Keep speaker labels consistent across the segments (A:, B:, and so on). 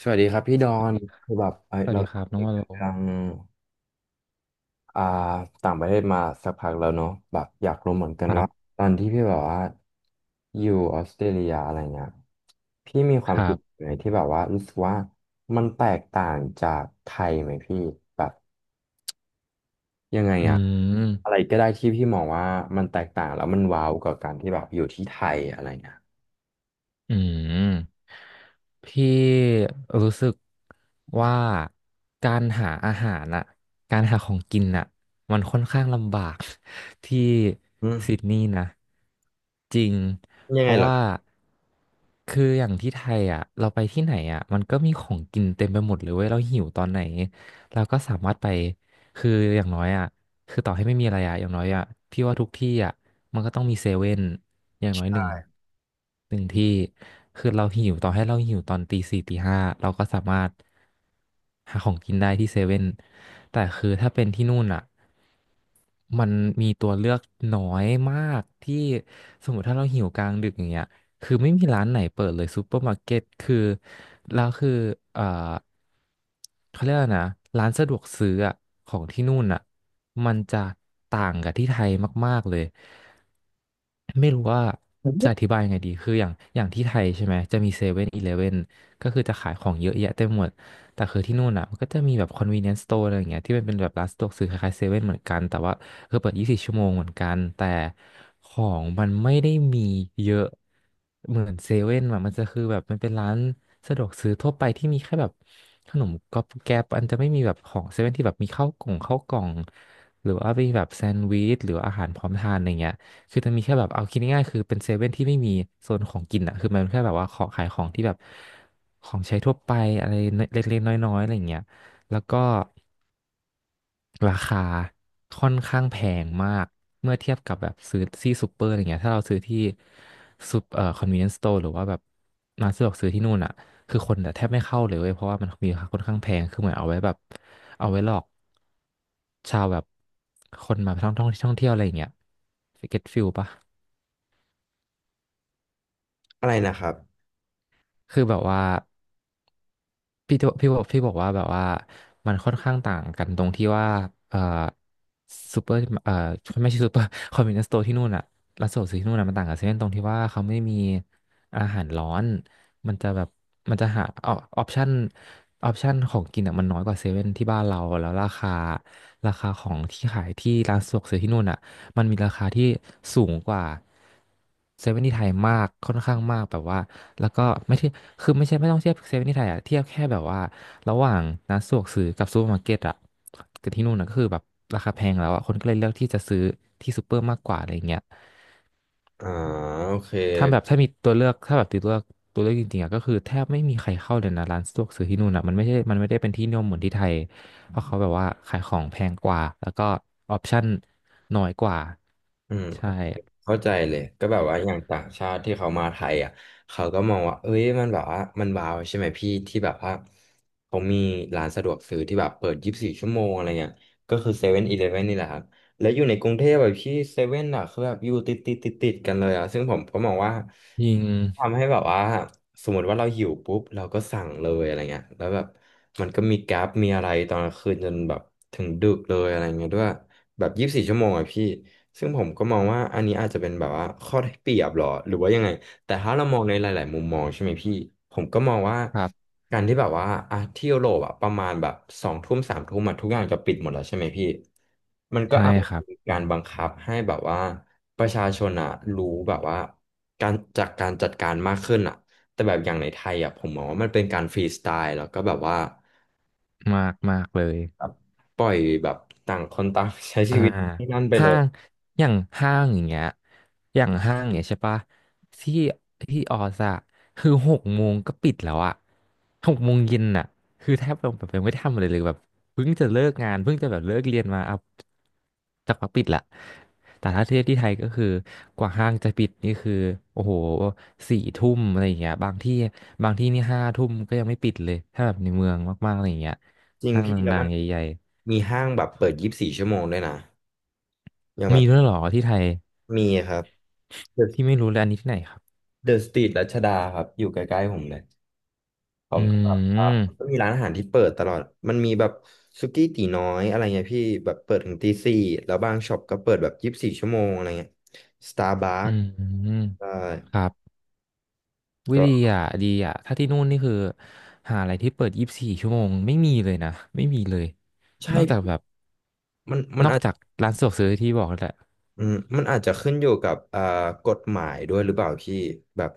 A: สวัสดีครับพี่ดอน
B: ดี
A: คือแบบเอ้
B: ส
A: ย
B: วัส
A: เรา
B: ดีครับ
A: คุ
B: น้อง
A: ย
B: ว่า
A: กั
B: โล
A: นเรื่องอ่าต่างประเทศมาสักพักแล้วเนาะแบบอยากรู้เหมือนกัน
B: ครั
A: ว่า
B: บ
A: ตอนที่พี่แบบว่าอยู่ออสเตรเลียอะไรเงี้ยพี่มีค
B: ค
A: วาม
B: รั
A: คิด
B: บ
A: ไหนที่แบบว่ารู้สึกว่ามันแตกต่างจากไทยไหมพี่แบบยังไง
B: อื
A: อะอะไร
B: ม
A: ก็ได้ที่พี่มองว่ามันแตกต่างแล้วมันว้าวกับการที่แบบอยู่ที่ไทยอะไรเงี้ย
B: อืมพี่รู้สึกว่าการหาอาหารน่ะการหาของกินน่ะมันค่อนข้างลำบาก ที่
A: อืม
B: ซิดนีย์นะจริง
A: ยั
B: เพ
A: งไง
B: ราะ
A: เหรอ
B: ว่าคืออย่างที่ไทยอ่ะเราไปที่ไหนอ่ะมันก็มีของกินเต็มไปหมดเลยเว้ยเราหิวตอนไหนเราก็สามารถไปคืออย่างน้อยอ่ะ คือต่อให้ไม่มีอะไรอะอย่างน้อยอะพี่ว่าทุกที่อะมันก็ต้องมีเซเว่นอย่างน้อยหนึ่งที่คือเราหิวต่อให้เราหิวตอนตีสี่ตีห้าเราก็สามารถหาของกินได้ที่เซเว่นแต่คือถ้าเป็นที่นู่นอะมันมีตัวเลือกน้อยมากที่สมมติถ้าเราหิวกลางดึกอย่างเงี้ยคือไม่มีร้านไหนเปิดเลยซูเปอร์มาร์เก็ตคือแล้วคือเอ่อเขาเรียกว่านะร้านสะดวกซื้ออะของที่นู่นอ่ะ มันจะต่างกับที่ไทยมากๆเลย ไม่รู้ว่าจะอธิบายยังไงดี คืออย่างที่ไทยใช่ไหม จะมีเซเว่นอีเลฟเว่นก็คือจะขายของเยอะแยะเต็มหมด แต่คือที่นู่นอ่ะมันก็จะมีแบบ convenience store อะไรอย่างเงี้ยที่มันเป็นแบบร้านสะดวกซื้อคล้ายๆเซเว่นเหมือนกัน แต่ว่าคือเปิด 24 ชั่วโมงเหมือนกันแต่ของมันไม่ได้มีเยอะเหมือนเซเว่นอะมันจะคือแบบมันเป็นร้านสะดวกซื้อทั่วไปที่มีแค่แบบขนมก๊อบแก๊บอันจะไม่มีแบบของเซเว่นที่แบบมีข้าวกล่อง หรือว่าไปแบบแซนด์วิชหรือว่าอาหารพร้อมทานอะไรเงี้ยคือจะมีแค่แบบเอาคิดง่ายๆคือเป็นเซเว่นที่ไม่มีโซนของกินอ่ะคือมันแค่แบบว่าขอขายของที่แบบของใช้ทั่วไปอะไรเล็กๆน้อยๆอะไรเงี้ยแล้วก็ ราคาค่อนข้างแพงมากเมื่อเทียบกับแบบซื้อที่ซูเปอร์อะไรเงี้ยถ้าเราซื้อที่ซูคอนเวเนซ์สโตร์หรือว่าแบบร้านสะดวกซื้อที่นู่นอ่ะคือคนแทบไม่เข้าเลยเว้ยเพราะว่ามันมีราคาค่อนข้างแพงคือเหมือนเอาไว้แบบเอาไว้หลอกชาวแบบคนมาท่องเที่ยวอะไรอย่างเงี้ยเก็ตฟิลปะ
A: อะไรนะครับ
B: คือแบบว่า พี่บอกว่าแบบว่ามันค่อนข้างต่างกันตรงที่ว่าเอ่อซูเปอร์ไม่ใช่ซูเปอร์คอนเว n เน e s t ์โต ที่นู่นอะร้านสะดวกซื้อที่นู่นอะมันต่างกับเซเว่นตรงที่ว่าเขาไม่มีอาหารร้อนมันจะแบบมันจะหาอปชั่นออปชั่นของกินอะมันน้อยกว่าเซเว่นที่บ้านเราแล้วราคาของที่ขายที่ร้านสะดวกซื้อที่นู่นอะ มันมีราคาที่สูงกว่าเซเว่นที่ไทยมากค่อนข้างมากแบบว่าแล้วก็ไม่ใช่คือไม่ใช่ไม่ต้องเทียบเซเว่นที่ไทยอะเทียบแค่แบบว่าระหว่างร้านสะดวกซื้อกับซูเปอร์มาร์เก็ตอะกับที่นู่นนะก็คือแบบราคาแพงแล้วอะคนก็เลยเลือกที่จะซื้อที่ซูเปอร์มากกว่าอะไรอย่างเงี้ย
A: อ่าโอเค
B: ถ้าแบบถ้ามีตัวเลือกถ้าแบบติดตัวเลือกตัวเลือกจริงๆอะก็คือแทบไม่มีใครเข้าเลยนะร้านสะดวกซื้อที่นู่นอะมันไม่ใช่มันไม่ได้เป็นที่นิยมเหมือนที่ไทยเพราะเขาแบบว่าขายของแพงกว่าแล้วก็ออปชั่นน้อยกว่า
A: อืม
B: ใช่
A: เข้าใจเลยก็แบบว่าอย่างต่างชาติที่เขามาไทยอ่ะเขาก็มองว่าเอ้ยมันแบบว่ามันว้าวใช่ไหมพี่ที่แบบว่าเขามีร้านสะดวกซื้อที่แบบเปิดยี่สิบสี่ชั่วโมงอะไรเงี้ยก็คือเซเว่นอีเลฟเว่นนี่แหละครับ แล้วอยู่ในกรุงเทพแบบที่เซเว่นอ่ะคือแบบอยู่ติดกันเลยอ่ะซึ่งผมก็มองว่า
B: ยิง
A: ทำให้แบบว่าสมมติว่าเราหิวปุ๊บเราก็สั่งเลยอะไรเงี้ยแล้วแบบมันก็มีแก๊ปมีอะไรตอนกลางคืนจนแบบถึงดึกเลยอะไรเงี้ยด้วยแบบยี่สิบสี่ชั่วโมงอ่ะพี่ซึ่งผมก็มองว่าอันนี้อาจจะเป็นแบบว่าข้อได้เปรียบหรอหรือว่ายังไง แต่ถ้าเรามองในหลายๆมุมมองใช่ไหมพี่ผมก็มองว่า
B: ครับ
A: การที่แบบว่าอ่ะที่ยุโรปอะประมาณแบบสองทุ่มสามทุ่มอะทุกอย่างจะปิดหมดแล้วใช่ไหมพี่มันก็
B: ใช่
A: อาจจะ
B: ครับ
A: มีการบังคับให้แบบว่าประชาชนอะรู้แบบว่าการจากการจัดการมากขึ้นอะแต่แบบอย่างในไทยอะผมมองว่ามันเป็นการฟรีสไตล์แล้วก็แบบว่า
B: มากมากเลย
A: แบบปล่อยแบบต่างคนต่างใช้ชี
B: อ่า
A: วิตที่นั่นไปเล
B: ห้า
A: ย
B: งอย่างห้างอย่างเงี้ยอย่างห้างอย่างเงี้ยใช่ปะที่ที่ออสอะคือหกโมงก็ปิดแล้วอะหกโมงเย็นอะคือแทบแบบยังไม่ได้ทำอะไรเลยแบบเพิ่งจะเลิกงานเพิ่งจะแบบเลิกเรียนมาเอาจักักปิดละแต่ถ้าเทียบที่ไทยก็คือกว่าห้างจะปิดนี่คือโอ้โหสี่ทุ่มอะไรอย่างเงี้ยบางที่นี่ห้าทุ่มก็ยังไม่ปิดเลยถ้าแบบในเมืองมากๆอะไรอย่างเงี้ย
A: จริง
B: ห้าง
A: พี่
B: ด
A: แล้ว
B: ั
A: มั
B: ง
A: น
B: ๆใหญ่
A: มีห้างแบบเปิดยี่สิบสี่ชั่วโมงด้วยนะอย่าง
B: ๆ
A: แบ
B: มี
A: บ
B: ด้วยเหรอที่ไทย
A: มีครับ
B: พี่ไม่รู้เลยอันนี้ที่ไหนครับ
A: เดอะสตรีทรัชดาครับอยู่ใกล้ๆผมเลยผ
B: อื
A: มก็แบบอ่ามันก็
B: ม
A: มีร้านอาหารที่เปิดตลอดมันมีแบบสุกี้ตี๋น้อยอะไรเงี้ยพี่แบบเปิดถึงตีสี่แล้วบางช็อปก็เปิดแบบยี่สิบสี่ชั่วโมงอะไรเงี้ยสตาร์บั
B: อื
A: ค
B: มอืม
A: ใช่
B: ครับ วิ
A: ก
B: ดี
A: ็
B: อ่ะดีอ่ะถ้าที่นู่นนี่คือหาอะไรที่เปิด24 ชั่วโมงไม่มีเลยนะ ไม่มีเลย
A: ใช่
B: นอกจา
A: พี่
B: กแบบ
A: มัน
B: นอก
A: อาจ
B: จากร้านสะดวกซื้อที่บอกนั่นแหละ
A: อืมมันอาจจะขึ้นอยู่กับกฎหมายด้วยหรือเปล่าพี่แบบ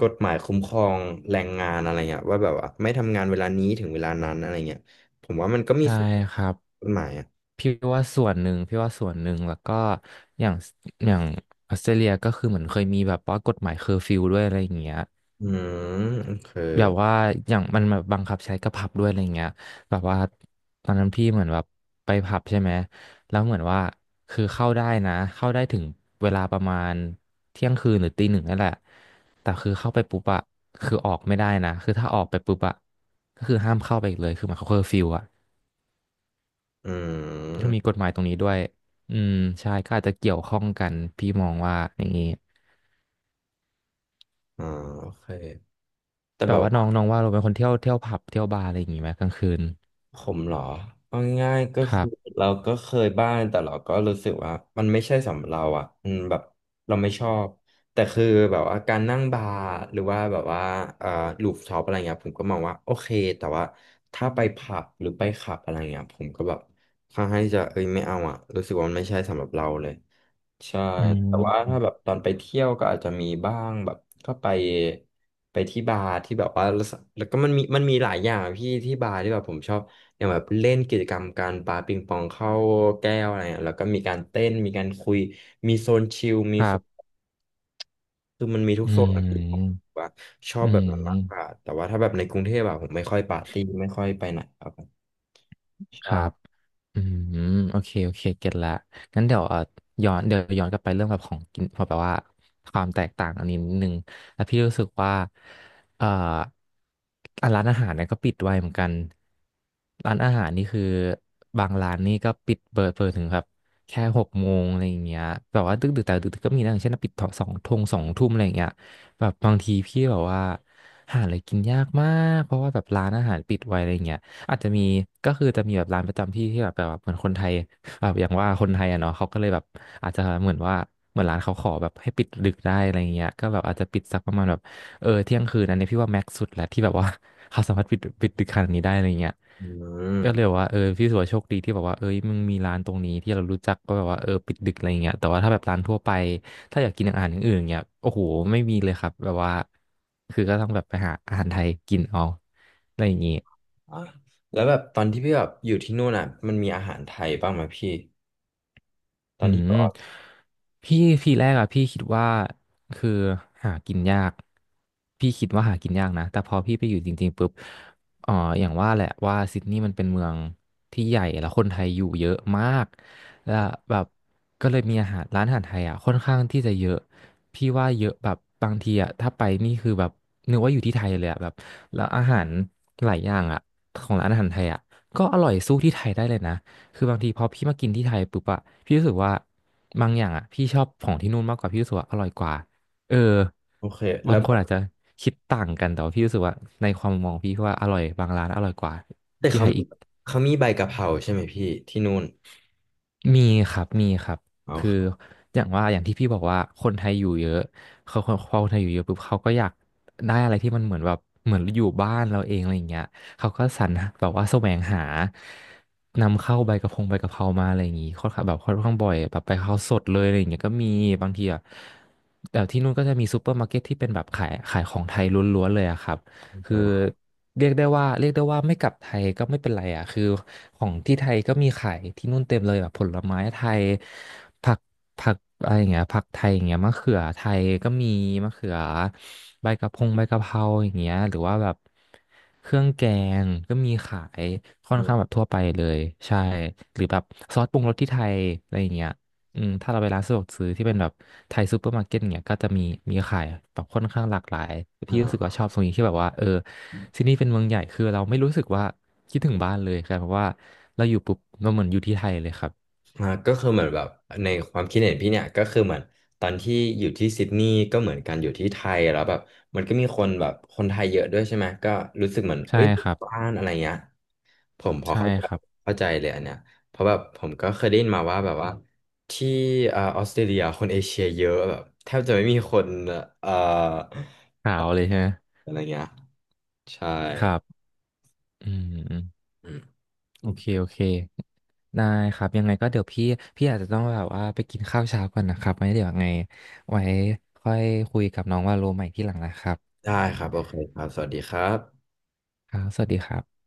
A: กฎหมายคุ้มครองแรงงานอะไรเงี้ยว่าแบบว่าไม่ทำงานเวลานี้ถึงเวลานั้นอะไรเงี้ยผมว่ามันก็มี
B: ใช่
A: ส่วน
B: ครับ
A: กฎหมายอ่ะ
B: พี่ว่าส่วนหนึ่ง พี่ว่าส่วนหนึ่ง แล้วก็อย่างอย่างออสเตรเลียก็คือเหมือนเคยมีแบบว่ากฎหมายเคอร์ฟิวด้วยอะไรอย่างเงี้ย
A: อืมโอเค
B: แบบว่าอย่างมันแบบบังคับใช้กับผับด้วยอะไรเงี้ยแบบว่าตอนนั้นพี่เหมือนแบบไปผับใช่ไหมแล้วเหมือนว่าคือเข้าได้นะเข้าได้ถึงเวลาประมาณเที่ยงคืนหรือตีหนึ่งนั่นแหละแต่คือเข้าไปปุ๊บอะคือออกไม่ได้นะคือถ้าออกไปปุ๊บอะก็คือห้ามเข้าไปอีกเลยคือหมายความเคอร์ฟิวอะ
A: อื
B: เขามีก
A: ม
B: ฎหมายตรงนี้ด้วยอืมใช่ก็อาจจะเกี่ยวข้องกันพี่มองว่าอย่างนี้
A: อ๋อโอเคแต่
B: แบ
A: แบ
B: บ
A: บ
B: ว่าน้
A: ว่า
B: องน้องว่าเราเป็นคนเที่ยวผับเที่ยวบาร์อะไรอย่างงี้ไหมกลางคืน
A: ผมเหรอเอาง่ายๆก็
B: ครั
A: คือ
B: บ
A: เราก็เคยบ้างแต่เราก็รู้สึกว่ามันไม่ใช่สำหรับเราอ่ะอืมแบบเราไม่ชอบแต่คือแบบว่าการนั่งบาร์หรือว่าแบบว่าเอ่อลูฟท็อปอะไรเงี้ยผมก็มองว่าโอเคแต่ว่าถ้าไปผับหรือไปคลับอะไรเงี้ยผมก็แบบค่อนข้างที่จะเอ้ยไม่เอาอ่ะรู้สึกว่ามันไม่ใช่สำหรับเราเลย ใช่
B: อื
A: แต่ว่าถ้าแบ
B: ม
A: บตอนไปเที่ยวก็อาจจะมีบ้างแบบก็ไปที่บาร์ที่แบบว่าแล้วก็มันมีหลายอย่างพี่ที่บาร์ที่แบบผมชอบอย่างแบบเล่นกิจกรรมการปาปิงปองเข้าแก้วอะไรเงี้ยแล้วก็มีการเต้นมีการคุยมีโซนชิลมี
B: ครั
A: โซน
B: บ
A: คือมันมีทุก
B: อื
A: โซนอะพี่ผม
B: ม
A: ว่าชอ
B: อื
A: บแบบนั้นมากกว่า
B: ม
A: แต่ว่าถ้าแบบในกรุงเทพอะผมไม่ค่อยปาร์ตี้ไม่ค่อยไปไหนครับผม
B: ค
A: ใช่
B: รับ อืมโอเคโอเคเก็ตละงั้นเดี๋ยวย้อนเดี๋ยวย้อนกลับไปเรื่องแบบของกินพอแบบว่าความแตกต่างอันนี้นิดนึงแล้วพี่รู้สึกว่าเอ่ออ่ะร้านอาหารเนี่ยก็ปิดไวเหมือนกันร้านอาหารนี่คือบางร้านนี่ก็ปิดเปิดถึงแบบแค่หกโมงอะไรอย่างเงี้ยแบบว่าดึกดึกแต่ดึกๆก็มีนะอย่างเช่นปิดสองทุ่มอะไรอย่างเงี้ยแบบบางทีพี่แบบว่าหาอะไรกินยากมากเพราะว่าแบบร้านอาหารปิดไวอะไรเงี้ย อาจจะมีก็คือจะมีแบบร้านประจำที่ที่แบบเหมือนคนไทยแบบอย่างว่าคนไทยอ่ะเนาะเขาก็เลยแบบอาจจะเหมือนว่าเหมือนร้านเขาขอแบบให้ปิดดึกได้อะไรเงี้ยก็แบบอาจจะปิดสักประมาณแบบเออเที่ยงคืนอันนี้พี่ว่าแม็กซ์สุดแล้วที่แบบว่า เขาสามารถปิดดึกขนาดนี้ได้อะไรเงี้ย
A: อืม
B: ก็เลยแบบว่าเออพี่สุวาโชคดีที่แบบว่าเอ้ยมึงมีร้านตรงนี้ที่เรารู้จักก็แบบว่าเออปิดดึกอะไรเงี้ยแต่ว่าถ้าแบบร้านทั่วไปถ้าอยากกินอาหารอย่างอื่นเงี้ยโอ้โหไม่มีเลยครับแบบว่าคือก็ต้องแบบไปหาอาหารไทยกินเอาอะไรอย่างงี้
A: อ๋อแล้วแบบตอนที่พี่แบบอยู่ที่นู่นอ่ะมันมีอาหารไทยบ้างไหมพี่ตอ
B: อื
A: นที่ไป
B: ม
A: ออส
B: พี่ทีแรกอะพี่คิดว่าคือหากินยากพี่คิดว่าหากินยากนะแต่พอพี่ไปอยู่จริงๆปุ๊บเอ่ออย่างว่าแหละว่าซิดนีย์มันเป็นเมืองที่ใหญ่แล้วคนไทยอยู่เยอะมากแล้วแบบก็เลยมีอาหารร้านอาหารไทยอะค่อนข้างที่จะเยอะพี่ว่าเยอะแบบบางทีอะถ้าไปนี่คือแบบนึกว่าอยู่ที่ไทยเลยอะแบบแล้วอาหารหลายอย่างอะของร้านอาหารไทยอะก็อร่อยสู้ที่ไทยได้เลยนะ คือบางทีพอพี่มากินที่ไทยปุ๊บอะพี่รู้สึกว่าบางอย่างอะพี่ชอบของที่นู่นมากกว่าพี่รู้สึกว่าอร่อยกว่าเออ
A: โอเคแล้
B: บา
A: ว
B: ง
A: แบ
B: คน
A: บ
B: อาจจะคิดต่างกันแต่ว่าพี่รู้สึกว่าในความมองพี่ว่าอร่อยบางร้านอร่อยกว่า
A: แต่
B: ที่
A: เขา
B: ไทย
A: มี
B: อีก
A: ใบกะเพราใช่ไหมพี่ที่นู่น
B: มีครับ มีครับ
A: เอา
B: คือ
A: เข้า
B: อย่างว่าอย่างที่พี่บอกว่าคนไทยอยู่เยอะเขาคนพอคนไทยอยู่เยอะปุ๊บเขาก็อยากได้อะไรที่มันเหมือนแบบเหมือนอยู่บ้านเราเองอะไรอย่างเงี้ยเขาก็สรรหาแบบว่าแสวงหานำเข้าใบกระพงใบกะเพรามาอะไรอย่างงี้ค่อนข้างแบบค่อนข้างบ่อยแบบไปเขราสดเลยอะไรอย่างเงี้ยก็มีบางทีอ่ะแต่ที่นู่นก็จะมีซูเปอร์มาร์เก็ตที่เป็นแบบขายของไทยล้วนๆเลยอะครับ
A: ม
B: คือ
A: า
B: เรียกได้ว่าไม่กลับไทยก็ไม่เป็นไรอ่ะคือของที่ไทยก็มีขายที่นู่นเต็มเลยแบบผลไม้ไทยผักผักอะไรอย่างเงี้ยผักไทยอย่างเงี้ยมะเขือไทยก็มีมะเขือใบกะเพรงใบกะเพราอย่างเงี้ยหรือว่าแบบเครื่องแกงก็มีขายค่อนข้างแบบทั่วไปเลยใช่หรือแบบซอสปรุงรสที่ไทยอะไรอย่างเงี้ย อืมถ้าเราไปร้านสะดวกซื้อที่เป็นแบบไทยซูเปอร์มาร์เก็ตเนี่ยก็จะมีมีขายแบบค่อนข้างหลากหลาย
A: อ่
B: พี่รู้สึก
A: า
B: ว่าชอบตรงนี้ที่แบบว่าเออที่นี่เป็นเมืองใหญ่คือเราไม่รู้สึกว่าคิดถึงบ้านเลยครับเพราะว่าเราอยู่ปุ๊บเราเหมือนอยู่ที่ไทยเลยครับ
A: ก็คือเหมือนแบบในความคิดเห็นพี่เนี่ยก็คือเหมือนตอนที่อยู่ที่ซิดนีย์ก็เหมือนกันอยู่ที่ไทยแล้วแบบมันก็มีคนแบบคนไทยเยอะด้วยใช่ไหมก็รู้สึกเหมือน
B: ใช่
A: เอ้ย
B: ครับ
A: บ้านอะไรเงี้ย ผมมพอ
B: ใช่
A: เข้าใจ
B: ครับ
A: เข้าใจเลยอันเนี้ยเพราะแบบผมก็เคยได้ยินมาว่าแบบว่าที่ออสเตรเลียคนเอเชียเยอะแบบแทบจะไม่มีคนเอ่อ
B: ขาวเลยใช่ไหม
A: อะไรเงี้ยใช่
B: ครับอืมอืม
A: อืม
B: โอเคโอเคได้ครับยังไงก็เดี๋ยวพี่อาจจะต้องแบบว่าไปกินข้าวเช้าก่อนนะครับไว้เดี๋ยวยังไงไว้ค่อยคุยกับน้องว่าโลใหม่ที่หลังนะครับ
A: ได้ครับโอเคครับสวัสดีครับ
B: ครับสวัสดีครับ